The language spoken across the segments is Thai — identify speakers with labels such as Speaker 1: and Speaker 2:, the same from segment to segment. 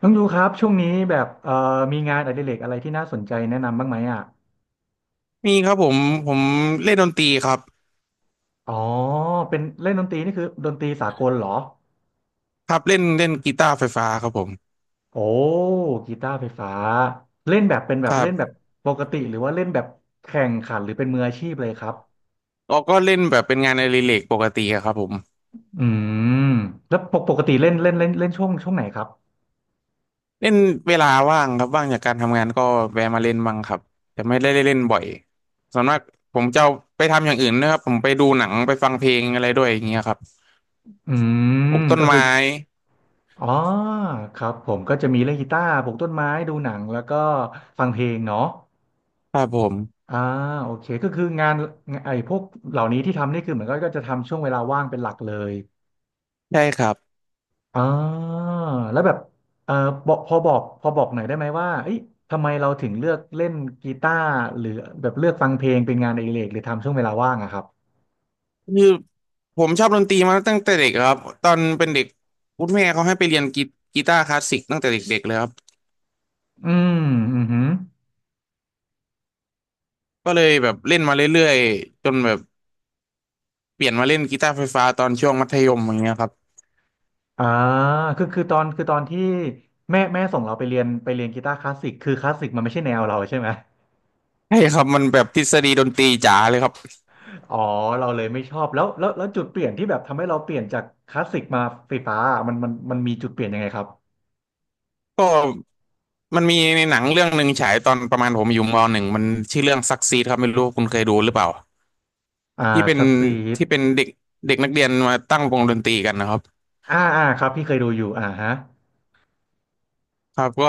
Speaker 1: น้องดูครับช่วงนี้แบบมีงานอดิเรกอะไรที่น่าสนใจแนะนำบ้างไหมอ่ะ
Speaker 2: มีครับผมเล่นดนตรีครับ
Speaker 1: อ๋อเป็นเล่นดนตรีนี่คือดนตรีสากลเหรอ
Speaker 2: ครับเล่นเล่นกีตาร์ไฟฟ้าครับผม
Speaker 1: โอ้กีตาร์ไฟฟ้าเล่นแบบเป็นแบ
Speaker 2: ค
Speaker 1: บ
Speaker 2: รั
Speaker 1: เล่นแบบ
Speaker 2: บ
Speaker 1: ปกติหรือว่าเล่นแบบแข่งขันหรือเป็นมืออาชีพเลยครับ
Speaker 2: เราก็เล่นแบบเป็นงานอดิเรกปกติอะครับผม
Speaker 1: อืมแล้วปกปกติเล่นเล่นเล่นเล่นช่วงไหนครับ
Speaker 2: เล่นเวลาว่างครับว่างจากการทำงานก็แวะมาเล่นบ้างครับแต่ไม่ได้เล่นบ่อยส่วนมากผมจะเอาไปทำอย่างอื่นนะครับผมไปดูหนังไปฟังเพลงอะไรด้วยอย่างเงี้ยครับ
Speaker 1: อื
Speaker 2: ปลู
Speaker 1: ม
Speaker 2: กต้น
Speaker 1: ก็คือ
Speaker 2: ไม้
Speaker 1: อ๋อครับผมก็จะมีเล่นกีตาร์ปลูกต้นไม้ดูหนังแล้วก็ฟังเพลงเนาะ
Speaker 2: ครับผม
Speaker 1: อ่าโอเคก็คืองานไอ้พวกเหล่านี้ที่ทำนี่คือเหมือนก็จะทำช่วงเวลาว่างเป็นหลักเลย
Speaker 2: ใช่ครับ
Speaker 1: อ่าแล้วแบบเออบอกหน่อยได้ไหมว่าเอ้ยทำไมเราถึงเลือกเล่นกีตาร์หรือแบบเลือกฟังเพลงเป็นงานอดิเรกหรือทำช่วงเวลาว่างอะครับ
Speaker 2: คือผมชอบดนตรีมาตั้งแต่เด็กครับตอนเป็นเด็กคุณแม่เขาให้ไปเรียนกีตาร์คลาสสิกตั้งแต่เด็กๆเลยครับ
Speaker 1: อืมอือหือ
Speaker 2: ก็เลยแบบเล่นมาเรื่อยๆจนแบบเปลี่ยนมาเล่นกีตาร์ไฟฟ้าตอนช่วงมัธยมอย่างเงี้ยครับ
Speaker 1: อ่าคือตอนที่แม่ส่งเราไปเรียนกีตาร์คลาสสิกคือคลาสสิกมันไม่ใช่แนวเราใช่ไหม
Speaker 2: ใช่ครับมันแบบทฤษฎีดนตรีจ๋าเลยครับ
Speaker 1: อ๋อเราเลยไม่ชอบแล้วจุดเปลี่ยนที่แบบทำให้เราเปลี่ยนจากคลาสสิกมาไฟฟ้าอะมันมีจุดเปลี่ยนยังไงครับ
Speaker 2: ก็มันมีในหนังเรื่องหนึ่งฉายตอนประมาณผมอยู่มหนึ่งมันชื่อเรื่องซักซีดครับไม่รู้ว่าคุณเคยดูหรือเปล่า
Speaker 1: อ่า
Speaker 2: ที่เป็
Speaker 1: ส
Speaker 2: น
Speaker 1: ตรีท
Speaker 2: ที่เป็นเด็กเด็กนักเรียนมาตั้งวงดนตรีกันนะครับ
Speaker 1: อ่าอ่าครับพี่เคยดูอยู่อ่าฮะ
Speaker 2: ครับก็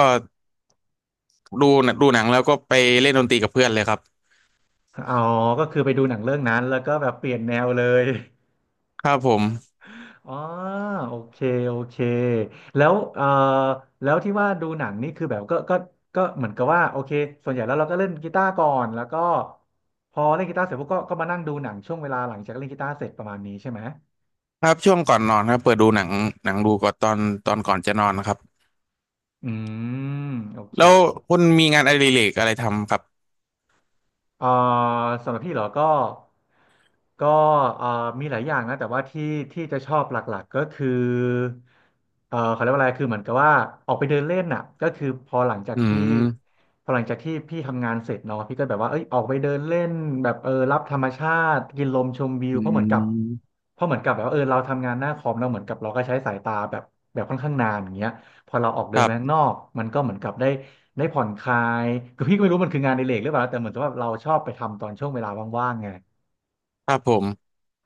Speaker 2: ดูดูหนังแล้วก็ไปเล่นดนตรีกับเพื่อนเลยครับ
Speaker 1: อ๋อก็คือไปดูหนังเรื่องนั้นแล้วก็แบบเปลี่ยนแนวเลย
Speaker 2: ครับผม
Speaker 1: อ๋อโอเคโอเคแล้วแล้วที่ว่าดูหนังนี่คือแบบก็เหมือนกับว่าโอเคส่วนใหญ่แล้วเราก็เล่นกีตาร์ก่อนแล้วก็พอเล่นกีตาร์เสร็จพวกก็มานั่งดูหนังช่วงเวลาหลังจากเล่นกีตาร์เสร็จประมาณนี้ใช่ไหม
Speaker 2: ครับช่วงก่อนนอนครับเปิดดูหนังหนังดูก่อนตอนก่อนจะนอนนะครับ
Speaker 1: อืมโอเค
Speaker 2: แล้วคุณมีงานอดิเรกอะไรทำครับ
Speaker 1: เอ่อสำหรับพี่เหรอก็ก็เอ่อมีหลายอย่างนะแต่ว่าที่จะชอบหลักๆก็คือเขาเรียกว่าอะไรคือเหมือนกับว่าออกไปเดินเล่นน่ะก็คือ
Speaker 2: อืม
Speaker 1: พอหลังจากที่พี่ทำงานเสร็จเนาะพี่ก็แบบว่าเอ้ยออกไปเดินเล่นแบบเออรับธรรมชาติกินลมชมวิว
Speaker 2: อื
Speaker 1: เพราะ
Speaker 2: ม
Speaker 1: เพราะเหมือนกับแบบว่าเออเราทำงานหน้าคอมเราเหมือนกับเราก็ใช้สายตาแบบค่อนข้างนานอย่างเงี้ยพอเราออก
Speaker 2: ค
Speaker 1: เดิน
Speaker 2: รั
Speaker 1: ไปข้าง
Speaker 2: บ
Speaker 1: นอกมันก็เหมือนกับได้ผ่อนคลายคือพี่ก็ไม่รู้มันคืองานในเลกหรือเปล่าแต่เหมือนกับว่าเราชอบไปทำตอนช่วงเวลาว่างๆไง
Speaker 2: ครับผม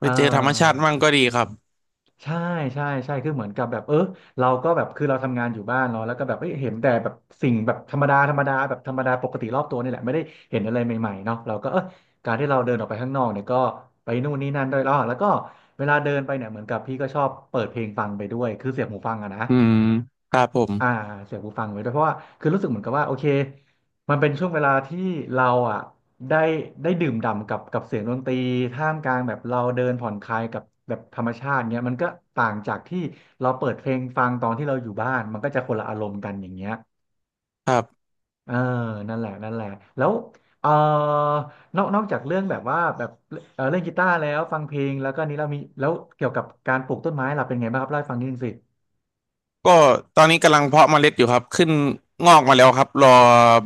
Speaker 1: เ
Speaker 2: ปเจอธรรมชาติ
Speaker 1: ออ
Speaker 2: มั่งก็ดีครับ
Speaker 1: ใช่ใช่คือเหมือนกับแบบเออเราก็แบบคือเราทำงานอยู่บ้านเนาะแล้วก็แบบเอ้ยเห็นแต่แบบสิ่งแบบธรรมดาธรรมดาแบบธรรมดาปกติรอบตัวนี่แหละไม่ได้เห็นอะไรใหม่ๆเนาะเราก็เออการที่เราเดินออกไปข้างนอกเนี่ยก็ไปนู่นนี่นั่นด้วยแล้วก็เวลาเดินไปเนี่ยเหมือนกับพี่ก็ชอบเปิดเพลงฟังไปด้วยคือเสียบหูฟังอะนะ
Speaker 2: อืมครับผม
Speaker 1: อ่าเสียงหูฟังไว้ด้วยเพราะว่าคือรู้สึกเหมือนกับว่าโอเคมันเป็นช่วงเวลาที่เราอ่ะได้ได้ดื่มด่ำกับเสียงดนตรีท่ามกลางแบบเราเดินผ่อนคลายกับแบบธรรมชาติเงี้ยมันก็ต่างจากที่เราเปิดเพลงฟังตอนที่เราอยู่บ้านมันก็จะคนละอารมณ์กันอย่างเงี้ย
Speaker 2: ครับ
Speaker 1: เออนั่นแหละนั่นแหละแล้วเออนอกจากเรื่องแบบว่าแบบเออเล่นกีตาร์แล้วฟังเพลงแล้วก็นี้เรามีแล้วเกี่ยวกับการปลูกต้นไม้ล่ะเป็นไงบ้างครับเล่าให้ฟังนิดนึงสิ
Speaker 2: ก็ตอนนี้กำลังเพาะเมล็ดอยู่ครับขึ้นงอกมาแล้วครับรอ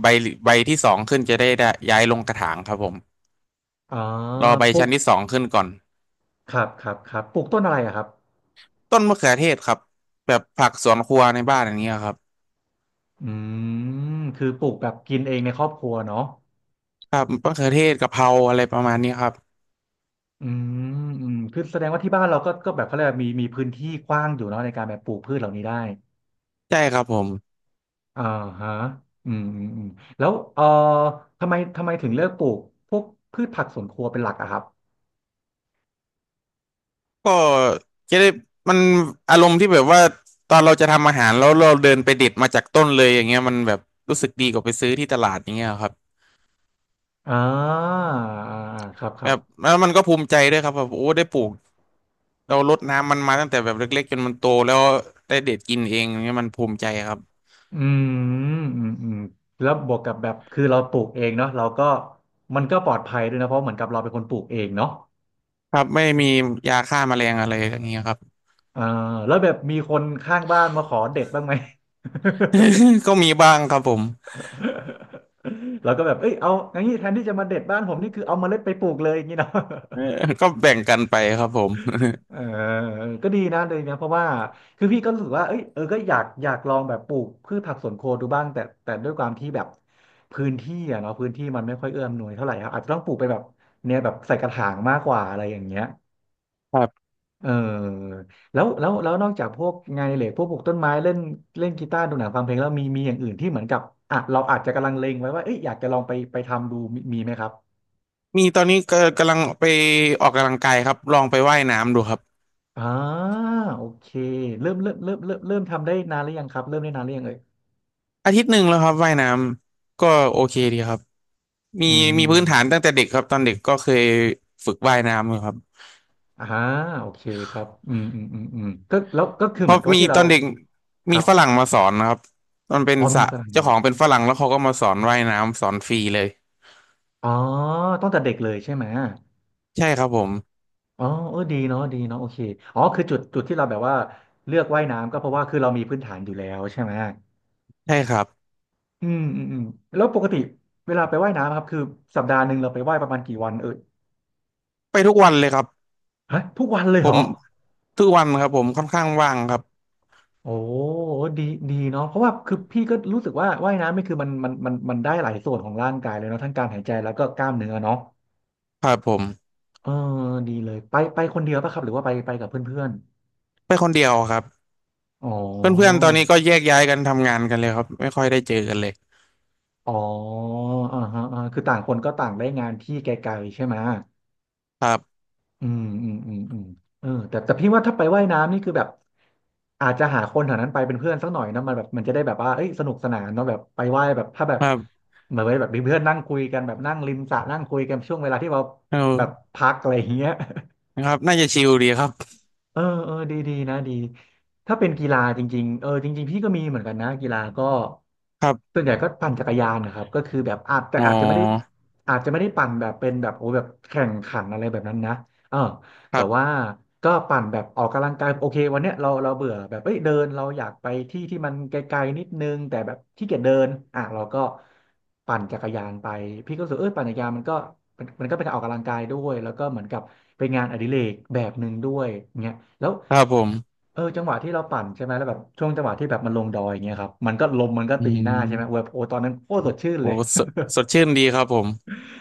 Speaker 2: ใบใบที่สองขึ้นจะได้ได้ย้ายลงกระถางครับผม
Speaker 1: อ๋อ
Speaker 2: รอใบ
Speaker 1: ปลู
Speaker 2: ชั้
Speaker 1: ก
Speaker 2: นที่สองขึ้นก่อน
Speaker 1: ครับปลูกต้นอะไรอะครับ
Speaker 2: ต้นมะเขือเทศครับแบบผักสวนครัวในบ้านอย่างเงี้ยครับ
Speaker 1: อืม คือปลูกแบบกินเองในครอบครัวเนาะ
Speaker 2: ครับมะเขือเทศกะเพราอะไรประมาณนี้ครับ
Speaker 1: อืมอืม คือแสดงว่าที่บ้านเราก็ก็แบบเขาเรียกว่ามีพื้นที่กว้างอยู่เนาะในการแบบปลูกพืชเหล่านี้ได้
Speaker 2: ใช่ครับผม
Speaker 1: อ่าฮะอืมอืมอืมแล้วทำไมถึงเลือกปลูกพวกพืชผักสวนครัวเป็นหลักอะครับ
Speaker 2: ก็จะได้มันอารมณ์ที่แบบว่าตอนเราจะทำอาหารแล้วเราเดินไปเด็ดมาจากต้นเลยอย่างเงี้ยมันแบบรู้สึกดีกว่าไปซื้อที่ตลาดอย่างเงี้ยครับ
Speaker 1: อ่าอ่าอ่าค
Speaker 2: แบ
Speaker 1: รับ
Speaker 2: บแล้วมันก็ภูมิใจด้วยครับแบบโอ้ได้ปลูกเรารดน้ำมันมาตั้งแต่แบบเล็กๆจนมันโตแล้วได้เด็ดกินเองอย่างเงี้ยมันภูมิใจครับ
Speaker 1: อืมอืมอืมแล้วบวกกับแบบคือเราปลูกเองเนาะเราก็มันก็ปลอดภัยด้วยนะเพราะเหมือนกับเราเป็นคนปลูกเองเนาะ
Speaker 2: ครับไม่มียาฆ่าแมลงอะไรอย่างเงี้ยครับ
Speaker 1: เออแล้วแบบมีคนข้างบ้านมาขอเด็ดบ้างไหม
Speaker 2: ก็มีบ้างครับผม
Speaker 1: แราก็แบบเอ้ยเอาอย่างนี้แทนที่จะมาเด็ดบ้านผมนี่คือเอาเมล็ดไปปลูกเลย อย่างนี้เนาะ
Speaker 2: เออก็แบ่งกันไปครับผม
Speaker 1: เออก็ดีนะเลยนะเพราะว่าคือพี่ก็รู้สึกว่าเอ้ยเออก็อยากลองแบบปลูกพืชผักสวนครัวดูบ้างแต่ด้วยความที่แบบพื้นที่อะเนาะพื้นที่มันไม่ค่อยเอื้ออำนวยเท่าไหร่ครับอาจจะต้องปลูกไปแบบเนี่ยแบบใส่กระถางมากกว่าอะไรอย่างเงี้ย
Speaker 2: ครับ
Speaker 1: เออแล้วนอกจากพวกงานอดิเรกพวกปลูกต้นไม้เล่นเล่นกีตาร์ดูหนังฟังเพลงแล้วมีอย่างอื่นที่เหมือนกับอ่ะเราอาจจะกำลังเลงไว้ว่าเอ้ยอยากจะลองไปทำดูมีไหมครับ
Speaker 2: มีตอนนี้ก็กำลังไปออกกำลังกายครับลองไปว่ายน้ำดูครับ
Speaker 1: อ่าโอเคเริ่มทำได้นานหรือยังครับเริ่มได้นานหรือยังเอ่ย
Speaker 2: อาทิตย์หนึ่งแล้วครับว่ายน้ำก็โอเคดีครับมี
Speaker 1: อื
Speaker 2: มีพื้นฐานตั้ง
Speaker 1: ม
Speaker 2: แต่เด็กครับตอนเด็กก็เคยฝึกว่ายน้ำอยู่ครับ
Speaker 1: อ่าโอเคครับอืมอืมอืมอืมก็แล้วก็คือ
Speaker 2: เพ
Speaker 1: เหมือ
Speaker 2: ราะ
Speaker 1: นกับว่า
Speaker 2: มี
Speaker 1: ที่
Speaker 2: ต
Speaker 1: เรา
Speaker 2: อนเด็ก
Speaker 1: ค
Speaker 2: มี
Speaker 1: รับ
Speaker 2: ฝรั่งมาสอนนะครับมันเป็น
Speaker 1: อ๋อ
Speaker 2: ส
Speaker 1: มี
Speaker 2: ระ
Speaker 1: ฝรั่ง
Speaker 2: เจ้าของเป็นฝรั่งแล้วเขาก็มาสอนว่ายน้ำสอนฟรีเลย
Speaker 1: อ๋อตั้งแต่เด็กเลยใช่ไหม
Speaker 2: ใช่ครับผม
Speaker 1: อ๋อเออดีเนาะดีเนาะโอเค อ๋อ คือจุด จุดที่เราแบบว่าเลือกว่ายน้ำก็เพราะว่าคือเรามีพื้นฐานอยู่แล้วใช่ไหม
Speaker 2: ใช่ครับ
Speaker 1: อืมอืมอืมแล้วปกติเวลาไปว่ายน้ำครับคือสัปดาห์หนึ่งเราไปว่ายประมาณกี่วันเออ
Speaker 2: ไปทุกวันเลยครับ
Speaker 1: ฮะทุกวันเลย
Speaker 2: ผ
Speaker 1: เหร
Speaker 2: ม
Speaker 1: อ
Speaker 2: ทุกวันครับผมค่อนข้างว่างครับ
Speaker 1: โอ้ดี ดีเนาะ เพราะว่าคือพี่ก็รู้สึกว่าว่ายน้ำนี่คือมันได้หลายส่วนของร่างกายเลยเนาะทั้งการหายใจแล้วก็กล้ามเนื้อเนาะ
Speaker 2: ครับผม
Speaker 1: เออดีเลยไปคนเดียวป่ะครับหรือว่าไปกับเพื่อน
Speaker 2: ไปคนเดียวครับ
Speaker 1: ๆอ๋อ
Speaker 2: เพื่อนๆตอนนี้ก็แยกย้ายกันทำงานกันเลยครับไม่ค่อยได้เจอกันเลย
Speaker 1: อ๋ออ่าฮะอ่าคือต่างคนก็ต่างได้งานที่ไกลๆใช่ไหม
Speaker 2: ครับ
Speaker 1: อืมอืมอืมอืมเออแต่พี่ว่าถ้าไปว่ายน้ำนี่คือแบบอาจจะหาคนแถวนั้นไปเป็นเพื่อนสักหน่อยนะมันแบบมันจะได้แบบว่าเอ้ยสนุกสนานเนาะแบบไปว่ายแบบถ้าแบบ
Speaker 2: ครับ
Speaker 1: เหมือนไว้แบบมีเพื่อนนั่งคุยกันแบบนั่งริมสระนั่งคุยกันช่วงเวลาที่เรา
Speaker 2: เอ
Speaker 1: แบบ
Speaker 2: อ
Speaker 1: พักอะไรอย่างเงี้ย
Speaker 2: นะครับน่าจะชิลดีครับ
Speaker 1: เออเออดีดีนะดีถ้าเป็นกีฬาจริงๆเออจริงๆพี่ก็มีเหมือนกันนะกีฬาก็
Speaker 2: ครั
Speaker 1: ส่
Speaker 2: บ
Speaker 1: วนใหญ่ก็ปั่นจักรยานนะครับก็คือแบบอาจ
Speaker 2: อ๋
Speaker 1: อาจจะไม่ได้
Speaker 2: อ
Speaker 1: อาจจะไม่ได้ปั่นแบบเป็นแบบโอ้แบบแข่งขันอะไรแบบนั้นนะเออ
Speaker 2: ค
Speaker 1: แต่
Speaker 2: รั
Speaker 1: ว่า
Speaker 2: บ
Speaker 1: ก็ปั่นแบบออกกำลังกายโอเควันเนี้ยเราเบื่อแบบเอ้ยเดินเราอยากไปที่ที่มันไกลๆนิดนึงแต่แบบขี้เกียจเดินอ่ะเราก็ปั่นจักรยานไปพี่ก็รู้สึกเออปั่นจักรยานมันก็มันก็เป็นการออกกำลังกายด้วยแล้วก็เหมือนกับเป็นงานอดิเรกแบบหนึ่งด้วยเงี้ยแล้ว
Speaker 2: ครับผม
Speaker 1: เออจังหวะที่เราปั่นใช่ไหมแล้วแบบช่วงจังหวะที่แบบมันลงดอยอย่างเงี้ยครับมันก็ลมมันก็
Speaker 2: อื
Speaker 1: ตีหน้าใช่ไหมเว้ย
Speaker 2: ม
Speaker 1: โอ้ตอนนั้นโคตรสดชื่น
Speaker 2: โห
Speaker 1: เลย
Speaker 2: สดสดชื่นดีครับผม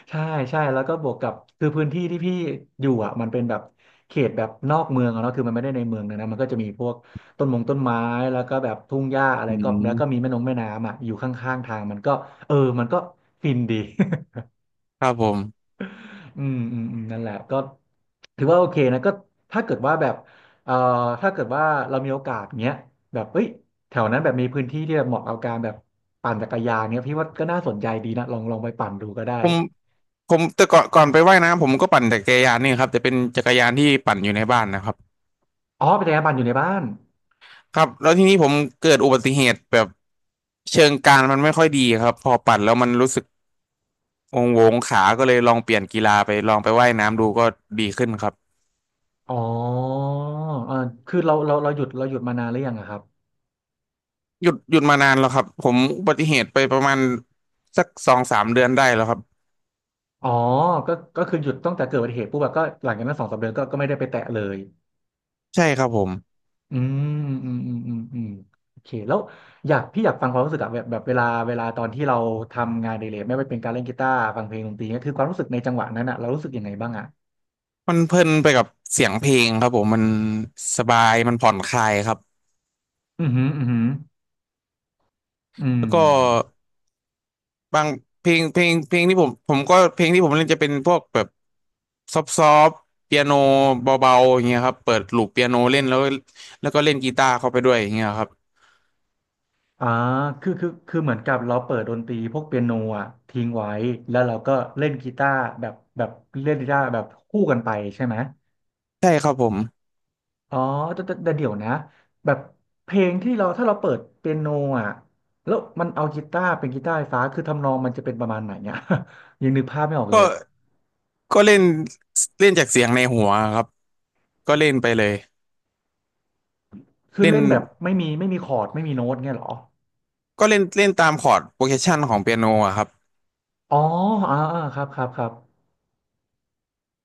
Speaker 1: ใช่ใช่แล้วก็บวกกับคือพื้นที่ที่พี่อยู่อ่ะมันเป็นแบบเขตแบบนอกเมืองอะเนาะคือมันไม่ได้ในเมืองนะมันก็จะมีพวกต้นมงต้นไม้แล้วก็แบบทุ่งหญ้าอะไร
Speaker 2: อื
Speaker 1: ก็แล้วก็มี
Speaker 2: ม
Speaker 1: แม่นงแม่น้ำอ่ะอยู่ข้างๆทางมันก็เออมันก็ฟินดี
Speaker 2: ครับผม
Speaker 1: อืมอืมอืมนั่นแหละก็ถือว่าโอเคนะก็ถ้าเกิดว่าแบบเอ่อถ้าเกิดว่าเรามีโอกาสเงี้ยแบบเอ้ยแถวนั้นแบบมีพื้นที่ที่แบบเหมาะกับการแบบปั่นจักรยานเงี้ยพี่ว่าก็น่าสนใจดีนะลองไปปั่นดูก็ได้
Speaker 2: ผมแต่ก่อนไปว่ายน้ำผมก็ปั่นจักรยานนี่ครับแต่เป็นจักรยานที่ปั่นอยู่ในบ้านนะครับ
Speaker 1: อ๋อเป็นจักรยานปั่นอยู่ในบ้าน
Speaker 2: ครับแล้วทีนี้ผมเกิดอุบัติเหตุแบบเชิงกานมันไม่ค่อยดีครับ พอปั่นแล้วมันรู้สึกองโวงขาก็เลยลองเปลี่ยนกีฬาไปลองไปว่ายน้ำดูก็ดีขึ้นครับ
Speaker 1: อ๋อเออคือเราหยุดเราหยุดมานานหรือยังอะครับ
Speaker 2: หยุดมานานแล้วครับ ผมอุบัติเหตุไปประมาณสักสองสามเดือนได้แล้วครับ
Speaker 1: อ๋อ ก็ก็คือหยุดตั้งแต่เกิดอุบัติเหตุปุ๊บอะก็หลังจากนั้นสองสามเดือนก็ไม่ได้ไปแตะเลย
Speaker 2: ใช่ครับผม
Speaker 1: อืมอืมอืมอืมอืมโอเคแล้วอยากพี่อยากฟังความรู้สึกอะแบบแบบเวลาเวลาตอนที่เราทำงานอดิเรกไม่ว่าเป็นการเล่นกีตาร์ฟังเพลงดนตรีเนี่ยคือความรู้สึกในจังหวะนั้นอะเรารู้สึกยังไงบ้างอะ
Speaker 2: มันเพลินไปกับเสียงเพลงครับผมมันสบายมันผ่อนคลายครับ
Speaker 1: อือหืออือหืออื
Speaker 2: แล้ว
Speaker 1: ม
Speaker 2: ก็บางเพลงเพลงเพลงที่ผมผมก็เพลงที่ผมเล่นจะเป็นพวกแบบซอฟเปียโนเบาๆอย่างเงี้ยครับเปิดลูปเปียโนเล่นแล้วแล้วก็เล่นกีตาร์เข้าไปด้วยอย่างเงี้ยครับ
Speaker 1: อ่าคือเหมือนกับเราเปิดดนตรีพวกเปียโนอ่ะทิ้งไว้ แล้วเราก็เล่นกีตาร์แบบแบบเล่นกีตาร์แบบคู่กันไปใช่ไหม
Speaker 2: ใช่ครับผม
Speaker 1: อ๋อแต่เดี๋ยวนะแบบเพลงที่เราถ้าเราเปิดเปียโนอ่ะแล้วมันเอากีตาร์เป็นกีตาร์ไฟฟ้าคือทำนองมันจะเป็นประมาณไหนเนี่ย ยังนึกภาพไม่ออกเลย
Speaker 2: ก็
Speaker 1: อ่ะ
Speaker 2: ก็เล่นเล่นจากเสียงในหัวครับก็เล่นไปเลย
Speaker 1: คือ
Speaker 2: เล่น
Speaker 1: เล่นแบบไม่มีคอร์ดไม่มีโน้ตเงี้ยเหรอ
Speaker 2: ก็เล่นเล่นตามคอร์ดโปรเกรสชันของเปียโนอะครับ
Speaker 1: อ๋ออ่าอ่าครับครับครับ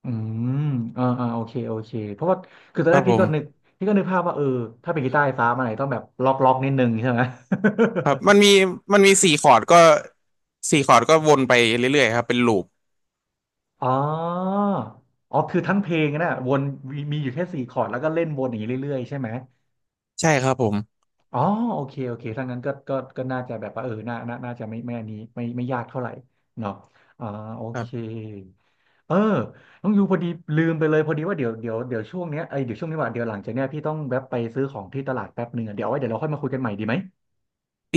Speaker 1: อืมอ่าอ่าโอเคโอเคเพราะว่าคือตอน
Speaker 2: ค
Speaker 1: แร
Speaker 2: รับ
Speaker 1: ก
Speaker 2: ผ
Speaker 1: พี่ก็นึก
Speaker 2: ม
Speaker 1: พี่ก็นึกภาพว่าเออถ้าเป็นกีตาร์ไฟฟ้ามันอาจจะต้องแบบล็อกนิดนึงใช่ไหม
Speaker 2: ครับมันมีสี่คอร์ดก็สี่คอร์ดก็วนไปเรื่อยๆครับเป็นลูป
Speaker 1: อ๋ออ๋อคือทั้งเพลงนะวนมีอยู่แค่สี่คอร์ดแล้วก็เล่นวนอย่างนี้เรื่อยๆใช่ไหม
Speaker 2: ใช่ครับผม
Speaker 1: อ๋อโอเคโอเคถ้างั้นก็ก็น่าจะแบบว่าเออน่าน่าจะไม่ไม่อันนี้ไม่ยากเท่าไหร่เนาะอ่าโอ
Speaker 2: ครั
Speaker 1: เค
Speaker 2: บ
Speaker 1: เออน้องยูพอดีลืมไปเลยพอดีว่าเดี๋ยวช่วงเนี้ยไอยเดี๋ยวช่วงนี้ว่าเดี๋ยวหลังจากเนี้ยพี่ต้องแวะไปซื้อของที่ตลาดแป๊บหนึ่งอะเดี๋ยวเอาไว้เดี๋ยวเราค่อยมาคุยกันใหม่ดีไหม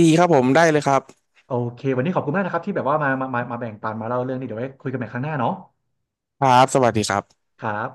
Speaker 2: ดีครับผมได้เลยครับ
Speaker 1: โอเควันนี้ขอบคุณมากนะครับที่แบบว่ามาแบ่งปันมาเล่าเรื่องนี้เดี๋ยวไว้คุยกันใหม่ครั้งหน้าเนาะ
Speaker 2: ครับสวัสดีครับ
Speaker 1: ครับ